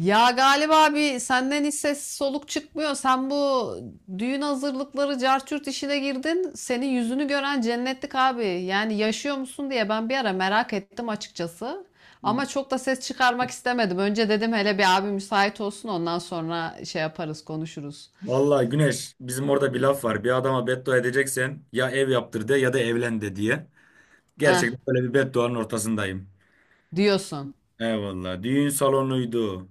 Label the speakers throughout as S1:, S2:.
S1: Ya galiba abi senden hiç ses soluk çıkmıyor. Sen bu düğün hazırlıkları carçurt işine girdin. Senin yüzünü gören cennetlik abi. Yani yaşıyor musun diye ben bir ara merak ettim açıkçası. Ama çok da ses çıkarmak istemedim. Önce dedim hele bir abi müsait olsun ondan sonra şey yaparız konuşuruz.
S2: Vallahi Güneş, bizim orada bir laf var. Bir adama beddua edeceksen, ya ev yaptır de ya da evlen de, diye.
S1: Eh
S2: Gerçekten böyle bir bedduanın ortasındayım.
S1: diyorsun.
S2: Eyvallah. Düğün salonuydu.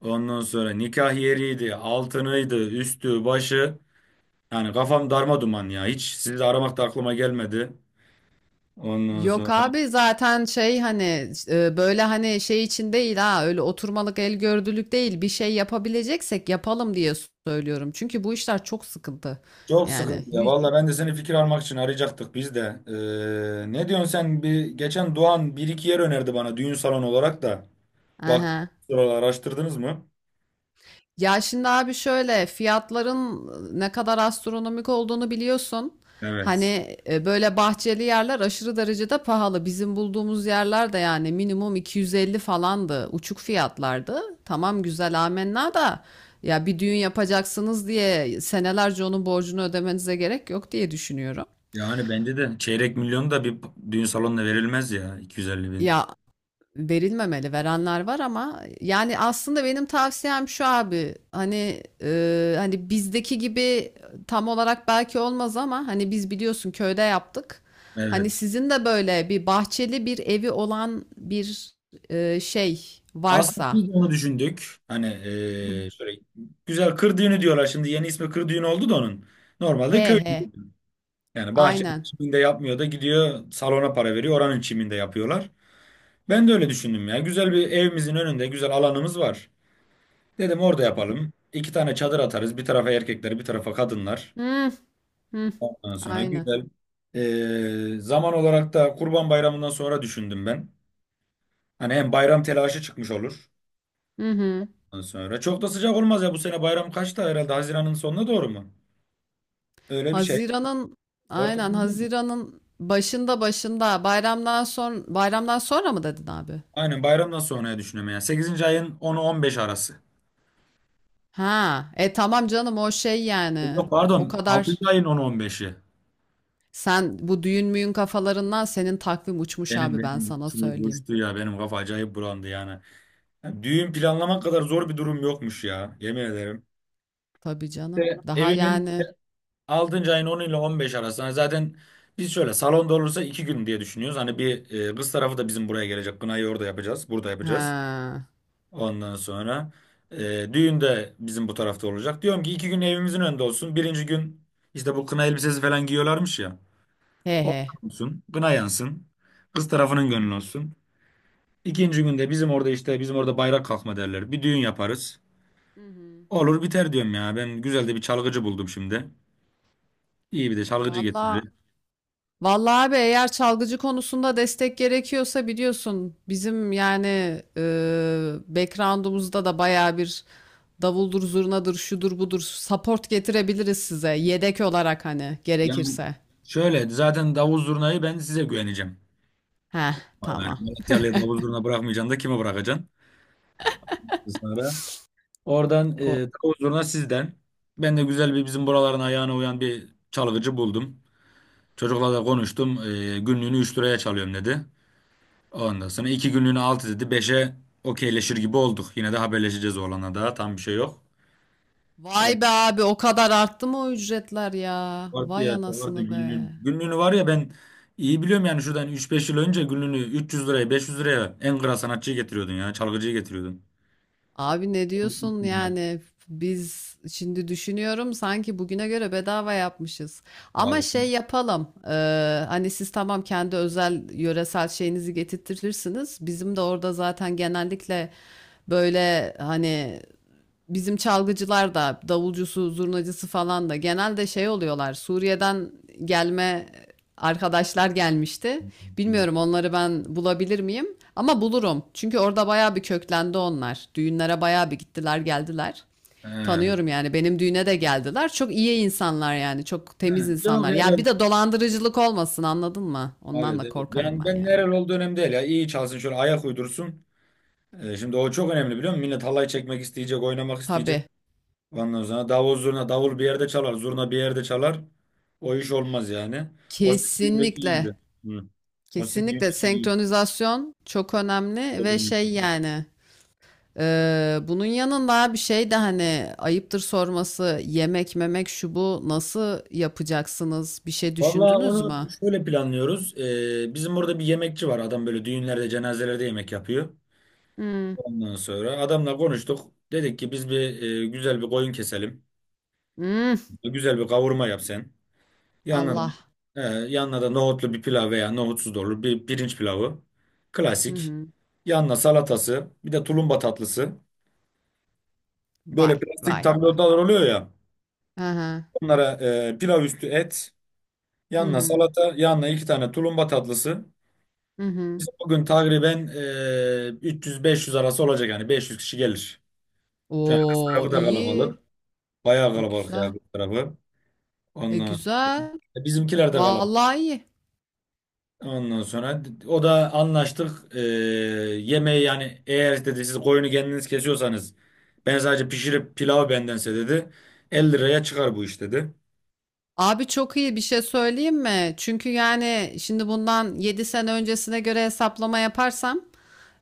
S2: Ondan sonra nikah yeriydi. Altınıydı. Üstü, başı. Yani kafam darma duman ya. Hiç sizi de aramak da aklıma gelmedi. Ondan
S1: Yok
S2: sonra.
S1: abi zaten şey hani böyle hani şey için değil ha öyle oturmalık el gördülük değil bir şey yapabileceksek yapalım diye söylüyorum. Çünkü bu işler çok sıkıntı
S2: Çok
S1: yani.
S2: sıkıntı ya.
S1: Yüz...
S2: Vallahi ben de seni fikir almak için arayacaktık biz de. Ne diyorsun sen? Bir, geçen Doğan bir iki yer önerdi bana düğün salonu olarak da. Bak.
S1: Aha.
S2: Sıralar araştırdınız mı?
S1: Ya şimdi abi şöyle fiyatların ne kadar astronomik olduğunu biliyorsun.
S2: Evet.
S1: Hani böyle bahçeli yerler aşırı derecede pahalı. Bizim bulduğumuz yerler de yani minimum 250 falandı. Uçuk fiyatlardı. Tamam güzel amenna da ya bir düğün yapacaksınız diye senelerce onun borcunu ödemenize gerek yok diye düşünüyorum.
S2: Yani bence de çeyrek milyon da bir düğün salonuna verilmez ya, 250 bin.
S1: Ya verilmemeli. Verenler var ama yani aslında benim tavsiyem şu abi. Hani hani bizdeki gibi tam olarak belki olmaz ama hani biz biliyorsun köyde yaptık. Hani
S2: Evet.
S1: sizin de böyle bir bahçeli bir evi olan bir şey
S2: Aslında
S1: varsa.
S2: biz de onu düşündük. Hani
S1: Hı.
S2: şöyle güzel kır düğünü diyorlar şimdi, yeni ismi kır düğünü oldu da onun. Normalde
S1: He
S2: köy
S1: he.
S2: düğünü. Yani bahçenin
S1: Aynen.
S2: çiminde yapmıyor da gidiyor salona para veriyor, oranın çiminde yapıyorlar. Ben de öyle düşündüm ya. Güzel bir evimizin önünde güzel alanımız var. Dedim orada yapalım. İki tane çadır atarız. Bir tarafa erkekler, bir tarafa kadınlar.
S1: Hı hı.
S2: Ondan sonra
S1: Aynen.
S2: güzel. Zaman olarak da Kurban Bayramı'ndan sonra düşündüm ben. Hani hem bayram telaşı çıkmış olur.
S1: Hı hı.
S2: Ondan sonra çok da sıcak olmaz ya. Bu sene bayram kaçta, herhalde Haziran'ın sonuna doğru mu? Öyle bir şey.
S1: Haziran'ın, aynen,
S2: Ortasında mı?
S1: Haziran'ın başında, bayramdan sonra mı dedin abi?
S2: Aynen, bayramdan sonraya düşünüyorum yani. Sekizinci ayın onu, 15 arası.
S1: Ha, tamam canım o şey yani
S2: Yok
S1: o
S2: pardon,
S1: kadar,
S2: altıncı ayın onu, on beşi.
S1: sen bu düğün müyün kafalarından senin takvim uçmuş
S2: Benim
S1: abi, ben
S2: benim
S1: sana
S2: uçtu
S1: söyleyeyim.
S2: uçtu ya, benim kafa acayip bulandı yani. Yani düğün planlamak kadar zor bir durum yokmuş ya, yemin ederim.
S1: Tabii canım.
S2: İşte
S1: Daha
S2: evin
S1: yani
S2: 6. ayın 10 ile 15 arası. Hani zaten biz şöyle, salonda olursa 2 gün diye düşünüyoruz. Hani bir kız tarafı da bizim buraya gelecek. Kınayı orada yapacağız. Burada yapacağız.
S1: ha
S2: Ondan sonra düğün de bizim bu tarafta olacak. Diyorum ki 2 gün evimizin önünde olsun. Birinci gün işte bu kına elbisesi falan giyiyorlarmış ya.
S1: he
S2: O
S1: he.
S2: olsun. Kına yansın. Kız tarafının gönlü olsun. İkinci günde bizim orada işte bizim orada bayrak kalkma derler. Bir düğün yaparız.
S1: Hı hı.
S2: Olur biter diyorum ya. Ben güzel de bir çalgıcı buldum şimdi. İyi bir de çalgıcı
S1: Valla
S2: getiririz.
S1: vallahi abi eğer çalgıcı konusunda destek gerekiyorsa biliyorsun bizim yani e, background'umuzda da bayağı bir davuldur zurnadır şudur budur support getirebiliriz size yedek olarak hani
S2: Yani
S1: gerekirse.
S2: şöyle, zaten davul zurnayı ben size güveneceğim.
S1: Heh,
S2: Yani
S1: tamam.
S2: Malatyalı'ya davul zurna bırakmayacaksın da kime bırakacaksın? Sonra. Oradan davul zurna sizden. Ben de güzel, bir bizim buraların ayağına uyan bir çalgıcı buldum. Çocukla da konuştum. Günlüğünü 3 liraya çalıyorum dedi. Ondan sonra 2 günlüğünü 6 dedi. Beşe okeyleşir gibi olduk. Yine de haberleşeceğiz oğlana daha. Tam bir şey yok.
S1: Vay be abi o kadar arttı mı o ücretler ya?
S2: Vardı
S1: Vay
S2: ya, vardı
S1: anasını
S2: günlüğün.
S1: be.
S2: Günlüğünü var ya, ben iyi biliyorum yani, şuradan üç beş yıl önce günlüğünü 300 liraya, 500 liraya en kral sanatçıyı getiriyordun ya, çalgıcıyı getiriyordun.
S1: Abi ne
S2: Çok
S1: diyorsun
S2: güzel.
S1: yani? Biz şimdi düşünüyorum sanki bugüne göre bedava yapmışız. Ama
S2: Vallahi.
S1: şey yapalım. Hani siz tamam kendi özel yöresel şeyinizi getirtirsiniz. Bizim de orada zaten genellikle böyle hani bizim çalgıcılar da davulcusu, zurnacısı falan da genelde şey oluyorlar. Suriye'den gelme arkadaşlar gelmişti.
S2: Hı.
S1: Bilmiyorum onları ben bulabilir miyim? Ama bulurum. Çünkü orada bayağı bir köklendi onlar. Düğünlere bayağı bir gittiler, geldiler.
S2: He. He.
S1: Tanıyorum yani, benim düğüne de geldiler. Çok iyi insanlar yani. Çok temiz
S2: Yok
S1: insanlar.
S2: ya,
S1: Ya
S2: ben,
S1: bir de dolandırıcılık olmasın, anladın mı? Ondan
S2: evet
S1: da
S2: evet,
S1: korkarım
S2: ben
S1: ben
S2: ben
S1: yani.
S2: nerel olduğu önemli değil ya, iyi çalsın, şöyle ayak uydursun. Şimdi o çok önemli, biliyor musun? Millet halay çekmek isteyecek, oynamak isteyecek.
S1: Tabii.
S2: Ondan sonra davul zurna, davul bir yerde çalar, zurna bir yerde çalar. O iş olmaz yani. O sizin düğündeki iyiydi.
S1: Kesinlikle.
S2: Hı. O sizin
S1: Kesinlikle
S2: düğündeki iyiydi.
S1: senkronizasyon çok önemli
S2: Çok
S1: ve
S2: önemli.
S1: şey yani, bunun yanında bir şey de hani, ayıptır sorması, yemek memek şu bu nasıl yapacaksınız, bir şey
S2: Vallahi
S1: düşündünüz mü?
S2: onu şöyle planlıyoruz. Bizim burada bir yemekçi var. Adam böyle düğünlerde, cenazelerde yemek yapıyor.
S1: Hmm.
S2: Ondan sonra adamla konuştuk. Dedik ki biz bir güzel bir koyun keselim.
S1: Hmm.
S2: Güzel bir kavurma yap sen. Yanına
S1: Allah.
S2: yanına da nohutlu bir pilav veya nohutsuz da olur. Bir pirinç pilavı.
S1: Hı
S2: Klasik.
S1: hı.
S2: Yanına salatası. Bir de tulumba tatlısı. Böyle
S1: Vay
S2: plastik
S1: vay vay.
S2: tablolar oluyor ya.
S1: Aha.
S2: Onlara pilav üstü et.
S1: Hı
S2: Yanına
S1: hı.
S2: salata. Yanına iki tane tulumba tatlısı.
S1: Hı hı.
S2: Biz bugün takriben 300-500 arası olacak, yani 500 kişi gelir. Şu an kız
S1: Oo,
S2: tarafı da
S1: iyi.
S2: kalabalık. Bayağı
S1: E,
S2: kalabalık ya
S1: güzel.
S2: kız tarafı.
S1: E
S2: Ondan,
S1: güzel.
S2: bizimkiler de kalabalık.
S1: Vallahi iyi.
S2: Ondan sonra o da anlaştık. Yemeği yani, eğer dedi siz koyunu kendiniz kesiyorsanız ben sadece pişirip pilav bendense dedi, 50 liraya çıkar bu iş dedi.
S1: Abi çok iyi bir şey söyleyeyim mi? Çünkü yani şimdi bundan 7 sene öncesine göre hesaplama yaparsam,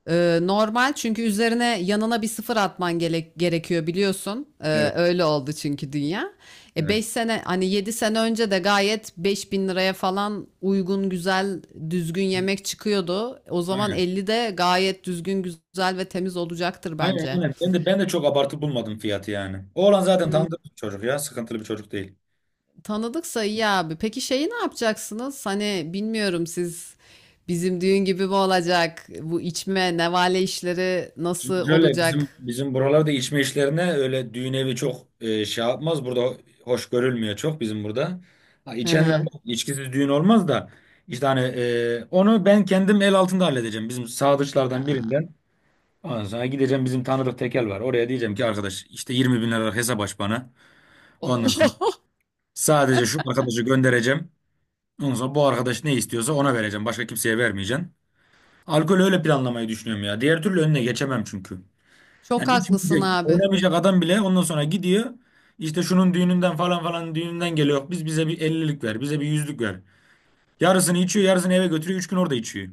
S1: normal, çünkü üzerine yanına bir sıfır atman gerekiyor biliyorsun. E,
S2: Evet.
S1: öyle oldu çünkü dünya. E,
S2: Evet.
S1: 5 sene, hani 7 sene önce de gayet 5.000 liraya falan uygun güzel düzgün yemek çıkıyordu. O zaman
S2: Aynen.
S1: 50 de gayet düzgün, güzel ve temiz olacaktır
S2: Aynen
S1: bence.
S2: aynen. Ben de çok abartı bulmadım fiyatı yani. Oğlan zaten tanıdık bir çocuk ya. Sıkıntılı bir çocuk değil.
S1: Tanıdıksa iyi abi. Peki şeyi ne yapacaksınız? Hani bilmiyorum, siz bizim düğün gibi mi olacak? Bu içme, nevale işleri nasıl
S2: Şimdi şöyle,
S1: olacak?
S2: bizim buralarda içme işlerine öyle düğün evi çok şey yapmaz. Burada hoş görülmüyor çok, bizim burada. Ha,
S1: Hı
S2: içenler,
S1: hı.
S2: bak, içkisiz düğün olmaz da, işte hani onu ben kendim el altında halledeceğim. Bizim sadıçlardan birinden. Ondan sonra gideceğim, bizim tanıdık tekel var. Oraya diyeceğim ki, arkadaş işte 20 bin lira hesap aç bana.
S1: Oo.
S2: Ondan sonra sadece şu arkadaşı göndereceğim. Ondan sonra bu arkadaş ne istiyorsa ona vereceğim. Başka kimseye vermeyeceğim. Alkol öyle planlamayı düşünüyorum ya. Diğer türlü önüne geçemem çünkü.
S1: Çok
S2: Yani
S1: haklısın
S2: içmeyecek,
S1: abi.
S2: oynamayacak adam bile ondan sonra gidiyor. İşte şunun düğününden, falan falan düğününden geliyor. Biz bize bir ellilik ver, bize bir yüzlük ver. Yarısını içiyor, yarısını eve götürüyor. 3 gün orada içiyor.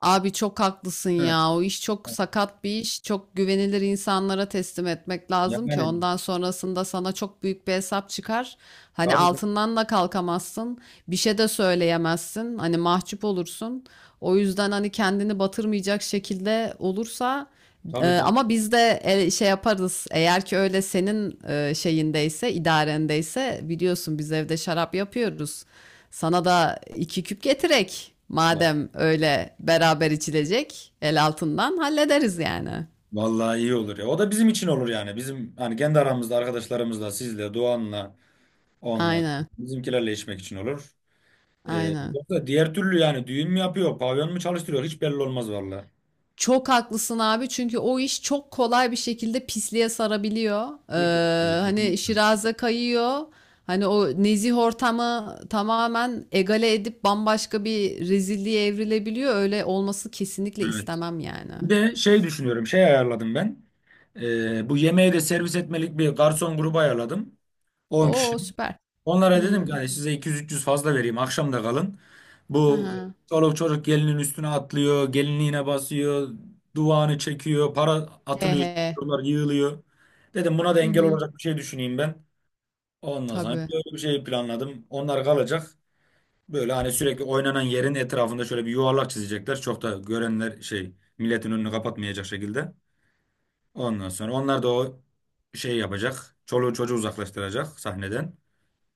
S1: Abi çok haklısın
S2: Hı.
S1: ya. O iş çok sakat bir iş. Çok güvenilir insanlara teslim etmek lazım ki
S2: Yani
S1: ondan sonrasında sana çok büyük bir hesap çıkar. Hani
S2: tabii
S1: altından da kalkamazsın. Bir şey de söyleyemezsin. Hani mahcup olursun. O yüzden hani kendini batırmayacak şekilde olursa
S2: tabii tabii.
S1: ama biz de şey yaparız. Eğer ki öyle senin şeyindeyse, idarendeyse, biliyorsun biz evde şarap yapıyoruz. Sana da iki küp getirek.
S2: Ulan,
S1: Madem öyle beraber içilecek, el altından hallederiz yani.
S2: vallahi iyi olur ya. O da bizim için olur yani. Bizim hani kendi aramızda arkadaşlarımızla, sizle, Doğan'la, onunla,
S1: Aynen,
S2: bizimkilerle içmek için olur.
S1: aynen.
S2: Yoksa diğer türlü yani, düğün mü yapıyor, pavyon mu çalıştırıyor hiç belli olmaz vallahi.
S1: Çok haklısın abi, çünkü o iş çok kolay bir şekilde pisliğe sarabiliyor.
S2: Kesinlikle.
S1: Hani şiraze kayıyor. Hani o nezih ortamı tamamen egale edip bambaşka bir rezilliğe evrilebiliyor. Öyle olması kesinlikle
S2: Evet.
S1: istemem yani.
S2: Bir de şey düşünüyorum, şey ayarladım ben. Bu yemeği de servis etmelik bir garson grubu ayarladım. 10 kişi.
S1: Oo, süper.
S2: Onlara dedim ki,
S1: Hmm.
S2: hani size 200-300 fazla vereyim, akşam da kalın. Bu
S1: Aha.
S2: çoluk çocuk gelinin üstüne atlıyor, gelinliğine basıyor, duvağını çekiyor, para
S1: He
S2: atılıyor,
S1: he.
S2: çocuklar yığılıyor. Dedim, buna da
S1: Hı
S2: engel
S1: hı.
S2: olacak bir şey düşüneyim ben. Ondan sonra
S1: Tabii.
S2: böyle bir şey planladım. Onlar kalacak. Böyle hani sürekli oynanan yerin etrafında şöyle bir yuvarlak çizecekler. Çok da görenler, şey, milletin önünü kapatmayacak şekilde. Ondan sonra onlar da o şey yapacak. Çoluğu çocuğu uzaklaştıracak sahneden.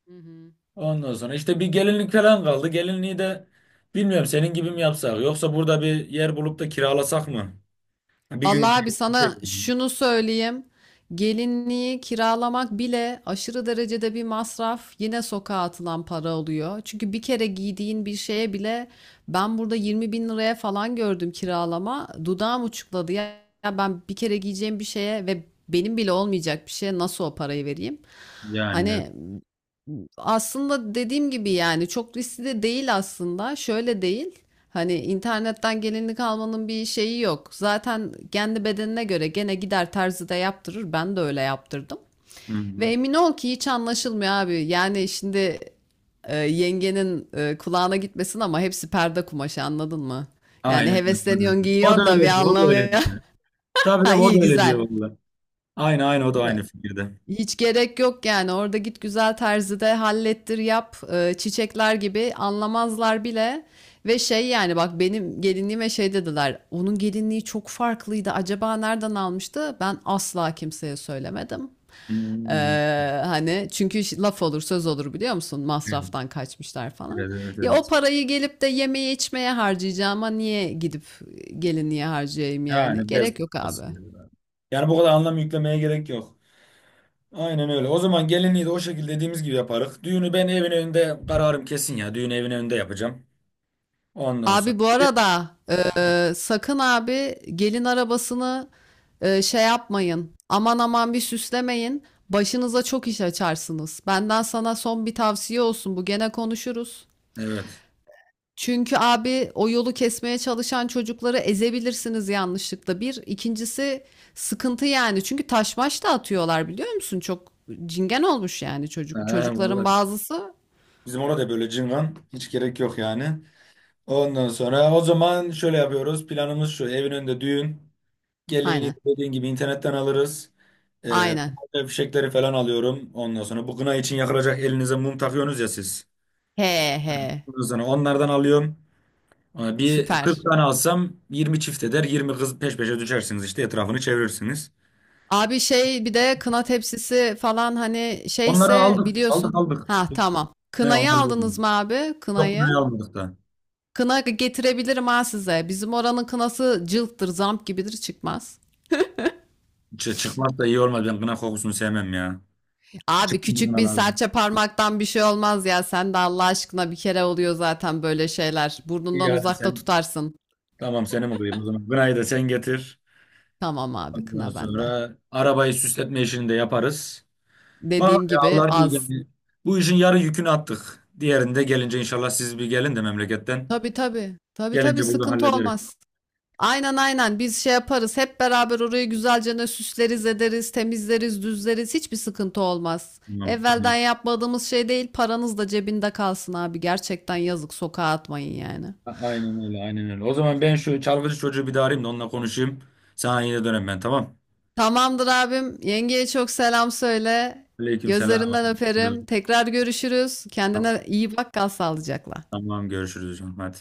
S1: Hı hı.
S2: Ondan sonra işte bir gelinlik falan kaldı. Gelinliği de bilmiyorum, senin gibi mi yapsak, yoksa burada bir yer bulup da kiralasak mı? Bir gün
S1: Vallahi abi sana şunu söyleyeyim. Gelinliği kiralamak bile aşırı derecede bir masraf. Yine sokağa atılan para oluyor. Çünkü bir kere giydiğin bir şeye bile ben burada 20 bin liraya falan gördüm kiralama. Dudağım uçukladı. Ya, ben bir kere giyeceğim bir şeye ve benim bile olmayacak bir şeye nasıl o parayı vereyim?
S2: yani. Evet.
S1: Hani aslında dediğim gibi yani çok riskli de değil aslında. Şöyle değil. Hani internetten gelinlik almanın bir şeyi yok. Zaten kendi bedenine göre gene gider terzide yaptırır. Ben de öyle yaptırdım.
S2: Hı
S1: Ve
S2: hı.
S1: emin ol ki hiç anlaşılmıyor abi. Yani şimdi yengenin kulağına gitmesin ama hepsi perde kumaşı, anladın mı? Yani
S2: Aynen
S1: hevesleniyorsun
S2: öyle. O da
S1: giyiyorsun da bir
S2: öyle diyor. O da öyle
S1: anlamıyor.
S2: diyor. Tabii de
S1: Ha,
S2: o
S1: iyi
S2: da öyle
S1: güzel.
S2: diyor valla. Aynı aynı o da aynı fikirde.
S1: Hiç gerek yok yani, orada git güzel terzide hallettir yap. Çiçekler gibi, anlamazlar bile ve şey yani, bak benim gelinliğime şey dediler, onun gelinliği çok farklıydı acaba nereden almıştı, ben asla kimseye söylemedim. Ee,
S2: Hmm.
S1: Hani çünkü laf olur söz olur biliyor musun,
S2: Evet
S1: masraftan kaçmışlar falan.
S2: evet evet.
S1: Ya o
S2: Evet.
S1: parayı gelip de yemeye içmeye harcayacağıma niye gidip gelinliğe harcayayım, yani
S2: Yani bez
S1: gerek yok abi.
S2: parçası diyorlar. Yani bu kadar anlam yüklemeye gerek yok. Aynen öyle. O zaman gelinliği de o şekilde dediğimiz gibi yaparız. Düğünü ben evin önünde kararım kesin ya. Düğünü evin önünde yapacağım. Ondan sonra.
S1: Abi bu arada sakın abi gelin arabasını şey yapmayın. Aman aman bir süslemeyin. Başınıza çok iş açarsınız. Benden sana son bir tavsiye olsun. Bu gene konuşuruz.
S2: Evet.
S1: Çünkü abi o yolu kesmeye çalışan çocukları ezebilirsiniz yanlışlıkla. Bir, ikincisi sıkıntı yani. Çünkü taş maş da atıyorlar, biliyor musun? Çok cingen olmuş yani
S2: He,
S1: çocukların
S2: vallahi.
S1: bazısı.
S2: Bizim orada böyle cıngan. Hiç gerek yok yani. Ondan sonra o zaman şöyle yapıyoruz. Planımız şu. Evin önünde düğün. Gelinliği
S1: Aynen.
S2: de dediğin gibi internetten alırız. Ee,
S1: Aynen.
S2: Ben fişekleri falan alıyorum. Ondan sonra bu kına için yakılacak elinize mum takıyorsunuz ya siz.
S1: He he.
S2: Ondan sonra onlardan alıyorum. Bir 40
S1: Süper.
S2: tane alsam 20 çift eder. 20 kız peş peşe düşersiniz işte, etrafını çevirirsiniz.
S1: Abi şey, bir de kına tepsisi falan hani,
S2: Onları
S1: şeyse
S2: aldık, aldık,
S1: biliyorsun.
S2: aldık.
S1: Ha tamam.
S2: Ne
S1: Kınayı
S2: onları almadık.
S1: aldınız mı abi?
S2: Yok, kınayı
S1: Kınayı.
S2: almadık da.
S1: Kına getirebilirim ha size. Bizim oranın kınası cılttır, zamp gibidir, çıkmaz.
S2: Çıkmaz da iyi olmaz. Ben kına kokusunu sevmem ya.
S1: Abi
S2: Çıkmaz
S1: küçük
S2: kına
S1: bir
S2: lazım.
S1: serçe parmaktan bir şey olmaz ya. Sen de Allah aşkına, bir kere oluyor zaten böyle şeyler.
S2: İyi
S1: Burnundan
S2: hadi
S1: uzakta
S2: sen.
S1: tutarsın.
S2: Tamam, senin olayım o zaman. Kınayı da sen getir.
S1: Tamam abi,
S2: Ondan
S1: kına bende.
S2: sonra arabayı süsletme işini de yaparız. Bak
S1: Dediğim
S2: ya,
S1: gibi
S2: Allah büyük,
S1: az.
S2: yani. Bu işin yarı yükünü attık. Diğerinde gelince inşallah siz bir gelin de memleketten.
S1: Tabii tabii. Tabii tabii,
S2: Gelince bunu
S1: sıkıntı
S2: hallederiz.
S1: olmaz. Aynen aynen, biz şey yaparız, hep beraber orayı güzelce ne süsleriz ederiz, temizleriz düzleriz, hiçbir sıkıntı olmaz.
S2: Tamam,
S1: Evvelden
S2: tamam.
S1: yapmadığımız şey değil. Paranız da cebinde kalsın abi, gerçekten yazık, sokağa atmayın yani.
S2: Aynen öyle, aynen öyle. O zaman ben şu çalgıcı çocuğu bir daha arayayım da onunla konuşayım. Sana yine dönem ben, tamam.
S1: Tamamdır abim, yengeye çok selam söyle,
S2: Aleyküm selam.
S1: gözlerinden öperim, tekrar görüşürüz, kendine
S2: Tamam,
S1: iyi bak, kal sağlıcakla.
S2: tamam, görüşürüz hocam. Hadi.